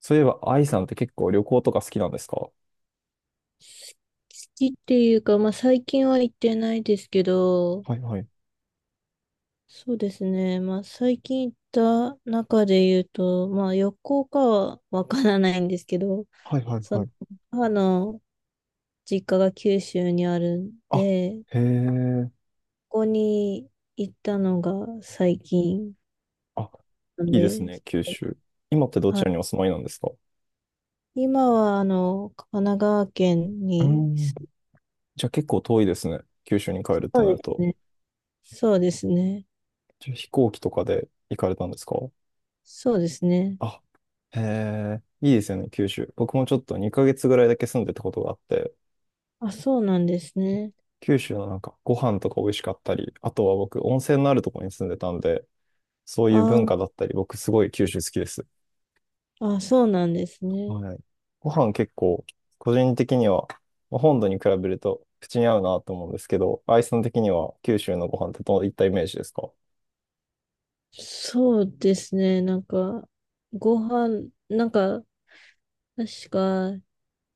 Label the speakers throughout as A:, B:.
A: そういえば、愛さんって結構旅行とか好きなんですか？
B: 好きっていうか、まあ最近は行ってないですけど、
A: はいはい。
B: そうですね。まあ最近行った中で言うと、まあ旅行かはわからないんですけど、
A: はいはい
B: そ
A: は
B: の
A: い。
B: 母の実家が九州にあるん
A: あ、
B: で、
A: へえ。
B: ここに行ったのが最近
A: あ、
B: なん
A: いいです
B: で、
A: ね、九州。今ってどち
B: は
A: らにお住まいなんですか？
B: い、今はあの神奈川県
A: うー
B: に、
A: ん。じゃあ結構遠いですね。九州に帰るって
B: そう
A: な
B: で
A: る
B: ます
A: と。
B: ね。そうですね。
A: じゃあ飛行機とかで行かれたんですか？
B: そうですね。
A: あ、へえ、いいですよね、九州。僕もちょっと2ヶ月ぐらいだけ住んでたことがあって、
B: あ、そうなんですね。
A: 九州のなんかご飯とか美味しかったり、あとは僕温泉のあるところに住んでたんで、そういう
B: あ
A: 文
B: あ、
A: 化だったり、僕すごい九州好きです。
B: あ、そうなんですね。
A: はい。ご飯結構、個人的には、まあ本土に比べると口に合うなと思うんですけど、アイさん的には九州のご飯ってどういったイメージですか？
B: そうですね。なんか、ご飯、なんか、確か、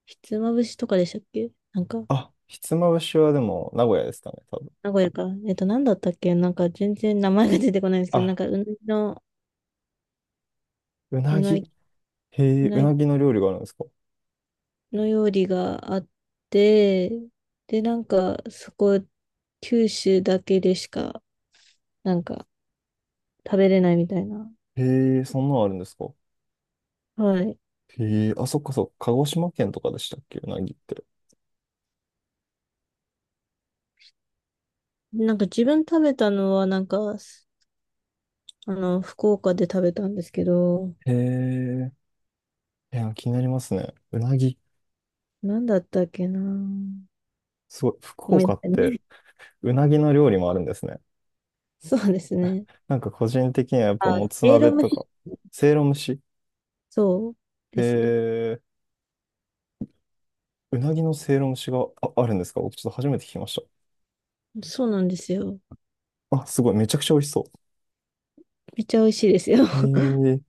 B: ひつまぶしとかでしたっけなんか、
A: あ、ひつまぶしはでも名古屋ですかね、多分。
B: 名古屋か。なんだったっけなんか、全然名前が出てこないんですけど、なん
A: あ、
B: か、
A: う
B: う
A: なぎ、
B: なぎ、
A: へ
B: う
A: え、う
B: なぎ
A: なぎの料理があるんですか？
B: の料理があって、で、なんか、そこ、九州だけでしか、なんか、食べれないみたいな。
A: へえ、そんなのあるんですか？
B: はい。
A: へえ、あ、そっかそっか、鹿児島県とかでしたっけ、うなぎって。
B: なんか、自分食べたのは、なんか、あの、福岡で食べたんですけど、
A: へえ、いや、気になりますね。うなぎ。
B: なんだったっけな。思
A: すごい、
B: い
A: 福岡
B: 出
A: っ
B: せな
A: て
B: い。
A: うなぎの料理もあるんですね。
B: そうです ね。
A: なんか個人的にはやっぱ
B: あ、
A: もつ
B: エイロ
A: 鍋
B: ム
A: と
B: シ、
A: か、せいろ蒸し、
B: そう
A: へ
B: ですね。
A: え、うなぎのせいろ蒸しがあ、あるんですか？僕ちょっと初めて聞きまし
B: そうなんですよ。
A: た。あ、すごい、めちゃくちゃ美味しそ
B: めっちゃ美味しいですよ。
A: う。へえ、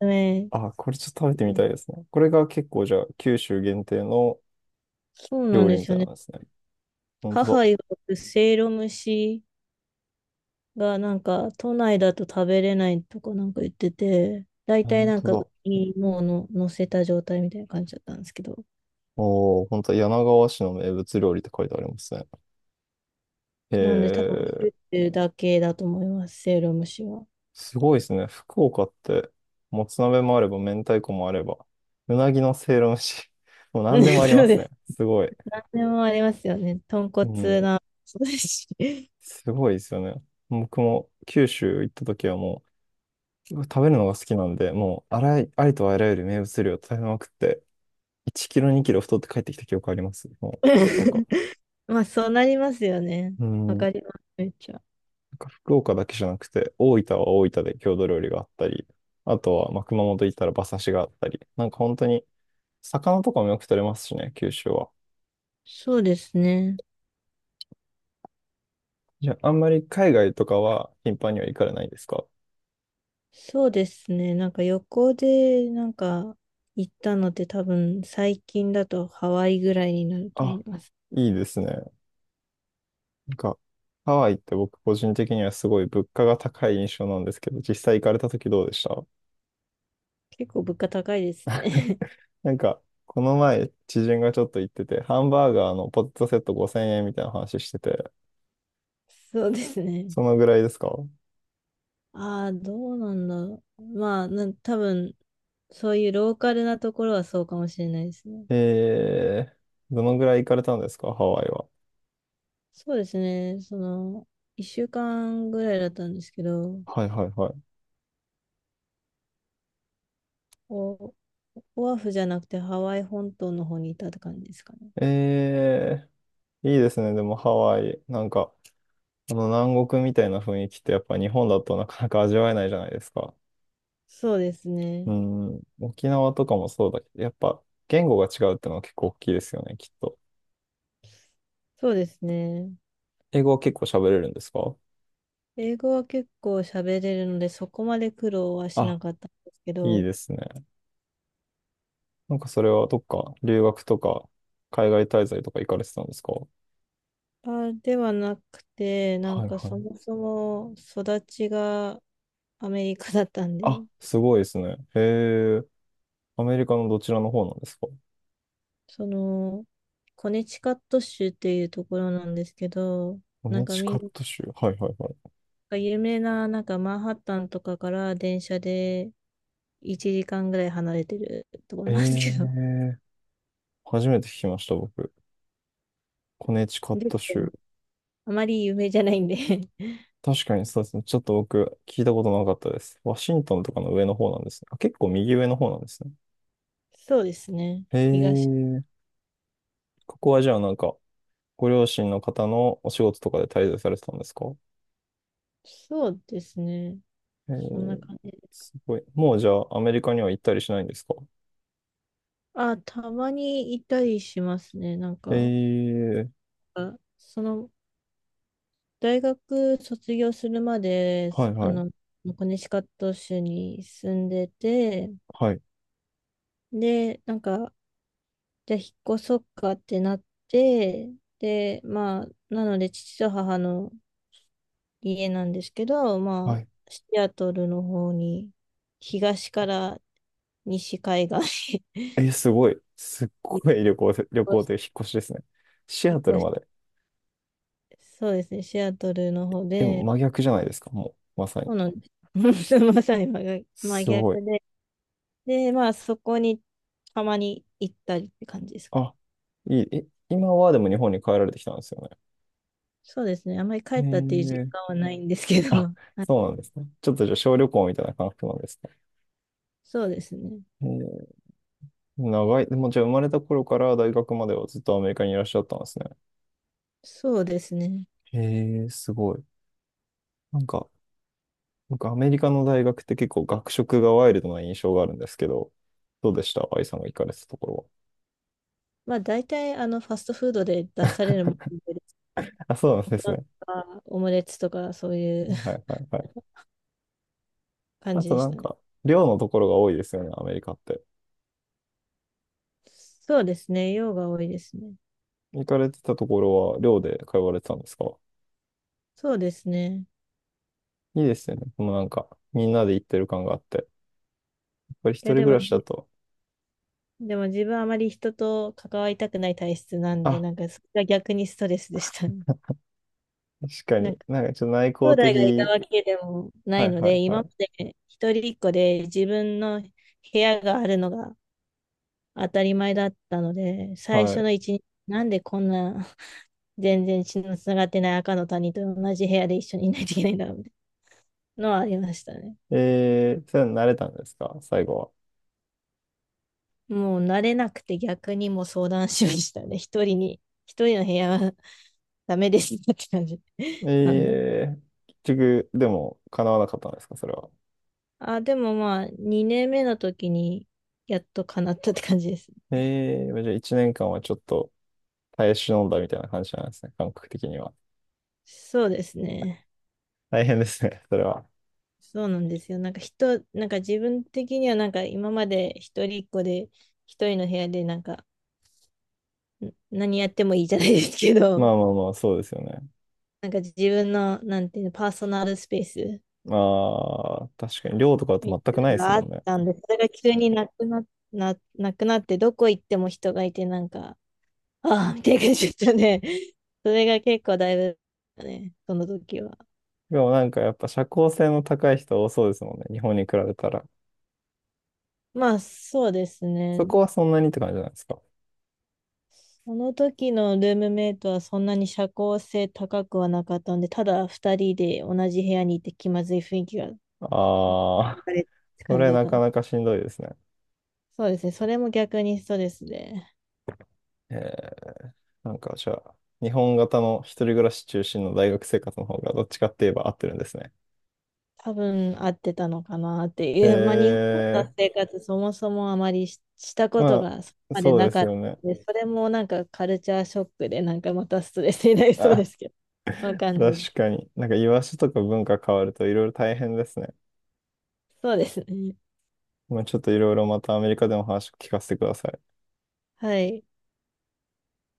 B: ね、
A: あ、これちょっと食べてみたいですね。これが結構じゃあ、九州限定の
B: そうなん
A: 料理
B: で
A: み
B: す
A: たい
B: よ
A: なん
B: ね。
A: ですね。本
B: 母
A: 当だ。
B: 曰くせいろ蒸しがなんか都内だと食べれないとかなんか言ってて、大体
A: 本
B: なん
A: 当
B: か上
A: だ。
B: にもうの乗せた状態みたいな感じだったんですけど。
A: おー、本当だ。柳川市の名物料理って書いてありますね。へ
B: なんで多分、
A: え。
B: 作てるだけだと思います、せいろ蒸しは。
A: すごいですね。福岡って、もつ鍋もあれば、明太子もあれば、うなぎのせいろ蒸し、もう何でもあ り
B: そ
A: ま
B: う
A: す
B: で
A: ね。
B: す
A: すごい。
B: 何でもありますよね。豚
A: う
B: 骨
A: ん。
B: な、そうですし。
A: すごいですよね。僕も九州行った時はもう、結構食べるのが好きなんで、もう、あらい、ありとあらゆる名物料を食べまくって、1キロ、2キロ太って帰ってきた記憶あります。もう、福岡。
B: まあ、そうなりますよね。
A: う
B: わ
A: ん。な
B: かります、めっちゃ。
A: んか福岡だけじゃなくて、大分は大分で郷土料理があったり、あとは、まあ、熊本行ったら馬刺しがあったり、なんか本当に、魚とかもよく取れますしね、九州は。
B: そうですね。
A: じゃあ、あんまり海外とかは頻繁には行かれないですか？
B: そうですね。なんか旅行で、なんか行ったのって多分最近だとハワイぐらいになると思
A: あ、
B: います。
A: いいですね。なんか、ハワイって僕個人的にはすごい物価が高い印象なんですけど、実際行かれた時どうでした？
B: 結構物価高いですね。
A: なんか、この前、知人がちょっと言ってて、ハンバーガーのポテトセット5000円みたいな話してて、
B: そうですね。
A: そのぐらいですか？
B: ああ、どうなんだろう。まあ、多分、そういうローカルなところはそうかもしれないですね。
A: えー、どのぐらい行かれたんですかハワイは。
B: そうですね。その、1週間ぐらいだったんですけど、
A: はいはいはい。
B: お、オアフじゃなくてハワイ本島の方にいたって感じですかね。
A: えー、いいですね。でもハワイ、なんか、この南国みたいな雰囲気ってやっぱ日本だとなかなか味わえないじゃないですか。
B: そうです
A: う
B: ね。
A: ん、沖縄とかもそうだけど、やっぱ言語が違うってのは結構大きいですよね、きっと。
B: そうですね。
A: 英語は結構喋れるんですか？
B: 英語は結構喋れるので、そこまで苦労はしな
A: あ、
B: かったんですけ
A: いい
B: ど、
A: ですね。なんかそれはどっか留学とか海外滞在とか行かれてたんですか？
B: あ、ではなくて、なん
A: はい
B: か
A: は
B: そ
A: い。
B: もそも育ちがアメリカだったん
A: あ、
B: で、
A: すごいですね。へえ、アメリカのどちらの方なんですか？
B: その、コネチカット州っていうところなんですけど、
A: コ
B: な
A: ネ
B: んか
A: チ
B: み
A: カ
B: ん
A: ッ
B: な
A: ト州。はいはいはい。
B: か有名な、なんかマンハッタンとかから電車で1時間ぐらい離れてるところなんですけど、
A: ええ、初めて聞きました、僕。コネチカット
B: で
A: 州。
B: あまり有名じゃないんで
A: 確かにそうですね。ちょっと僕、聞いたことなかったです。ワシントンとかの上の方なんですね。あ、結構右上の方なんですね。
B: そうですね。
A: へ
B: 東、
A: え。ここはじゃあなんか、ご両親の方のお仕事とかで滞在されてたんですか？
B: そうですね。
A: へ
B: そんな
A: え、
B: 感じ。
A: すごい。もうじゃあアメリカには行ったりしないんですか？
B: あ、たまにいたりしますね。なん
A: へ
B: か、
A: え、
B: あその、大学卒業するまで、
A: はい
B: あ
A: はい、
B: の、コネチカット州に住んでて、
A: はい、
B: で、なんか、じゃあ引っ越そっかってなって、で、まあ、なので父と母の家なんですけど、
A: は
B: ま
A: い。
B: あ、シアトルの方に、東から西海岸
A: えすごい。すっ
B: に
A: ごい旅行で、旅
B: 引っ
A: 行
B: 越し、
A: という引っ越しですね。シ
B: 引
A: アト
B: っ
A: ル
B: 越し
A: ま
B: て、
A: で。
B: そうですね、シアトルの方
A: え、
B: で、
A: 真逆じゃないですか、もう、まさに。
B: そうなんです。まさに真逆真
A: すごい。
B: 逆で、で、まあ、そこにたまに行ったりって感じですかね。
A: あ、いい。え、今はでも日本に帰られてきたんですよね。
B: そうですね、あまり帰
A: え
B: ったっていう実
A: ー、
B: 感はないんですけど、
A: あ、
B: はい、
A: そうなんですね。ちょっとじゃあ小旅行みたいな感覚なんですね。
B: そうですね、
A: えー、長い、もうじゃあ生まれた頃から大学まではずっとアメリカにいらっしゃったんですね。
B: そうですね。
A: へえ、すごい。なんか、僕アメリカの大学って結構学食がワイルドな印象があるんですけど、どうでした愛さんが行かれてたところ
B: まあ大体あのファストフードで出されるもので、レ
A: は。あ、そうなんですね。
B: とかオムレツとかそういう
A: はい はいはい。
B: 感
A: あ
B: じ
A: と
B: でし
A: なん
B: たね。
A: か、寮のところが多いですよね、アメリカって。
B: そうですね。量が多いですね。
A: 行かれてたところは寮で通われてたんですか？
B: そうですね。
A: いいですよね。もうなんか、みんなで行ってる感があって。やっぱり一
B: いや
A: 人
B: で
A: 暮
B: も、
A: らしだと、
B: 自分あまり人と関わりたくない体質なんで、
A: あ、
B: なんかそれが逆にストレスでしたね。
A: 確か
B: なん
A: に。
B: か
A: なんかちょっと内
B: 兄
A: 向
B: 弟がいた
A: 的。
B: わけでもな
A: は
B: い
A: い
B: の
A: は
B: で、
A: いは
B: 今ま
A: い。
B: で一人っ子で自分の部屋があるのが当たり前だったので、最
A: は
B: 初
A: い。
B: の1日、なんでこんな全然血のつながってない赤の他人と同じ部屋で一緒にいないといけないんだみたいなのはありましたね。
A: えー、それは慣れたんですか最後は。
B: もう慣れなくて逆にもう相談しましたね。一人の部屋はダメですって感じ なんだ。
A: えー、結局、でも、叶わなかったんですかそれは。
B: あ、でもまあ、2年目の時にやっと叶ったって感じです。
A: えー、じゃあ1年間はちょっと耐え忍んだみたいな感じなんですね。感覚的には。
B: そうですね。
A: 大変ですね、それは。
B: そうなんですよ。なんかなんか自分的にはなんか今まで一人っ子で一人の部屋でなんか何やってもいいじゃないですけ
A: ま
B: ど、
A: あまあまあ、そうですよね。
B: なんか自分の、なんていうの、パーソナルスペース
A: まあ、確かに寮とかだと
B: みた
A: 全
B: い
A: くない
B: な
A: で
B: の
A: す
B: があ
A: もん
B: っ
A: ね。
B: たんで、それが急になくなって、どこ行っても人がいて、なんか、ああ、みたいな感じでしたね。それが結構だいぶ、ね、その時は。
A: でもなんかやっぱ社交性の高い人多そうですもんね。日本に比べたら。
B: まあ、そうです
A: そ
B: ね。
A: こはそんなにって感じなんですか？
B: その時のルームメイトはそんなに社交性高くはなかったんで、ただ2人で同じ部屋にいて気まずい雰囲気が流
A: ああ、
B: れって
A: そ
B: 感じ
A: れ
B: だっ
A: な
B: たん
A: か
B: で。
A: なかしんどいですね。
B: そうですね。それも逆にストレスで。
A: えー、なんかじゃあ、日本型の一人暮らし中心の大学生活の方がどっちかって言えば合ってるんですね。
B: 多分合ってたのかなっていう、まあ、日本の
A: え
B: 生活そもそもあまりした
A: ー、
B: こと
A: ま
B: がそこ
A: あ、
B: まで
A: そう
B: な
A: です
B: かっ
A: よね。
B: たので、それもなんかカルチャーショックで、なんかまたストレスになりそうで
A: あ、
B: すけど、わかんないです
A: 確
B: けど。
A: かに。なんか居場所とか文化変わるといろいろ大変ですね。
B: そうですね。
A: まあ、ちょっといろいろまたアメリカでも話聞かせてください。
B: はい。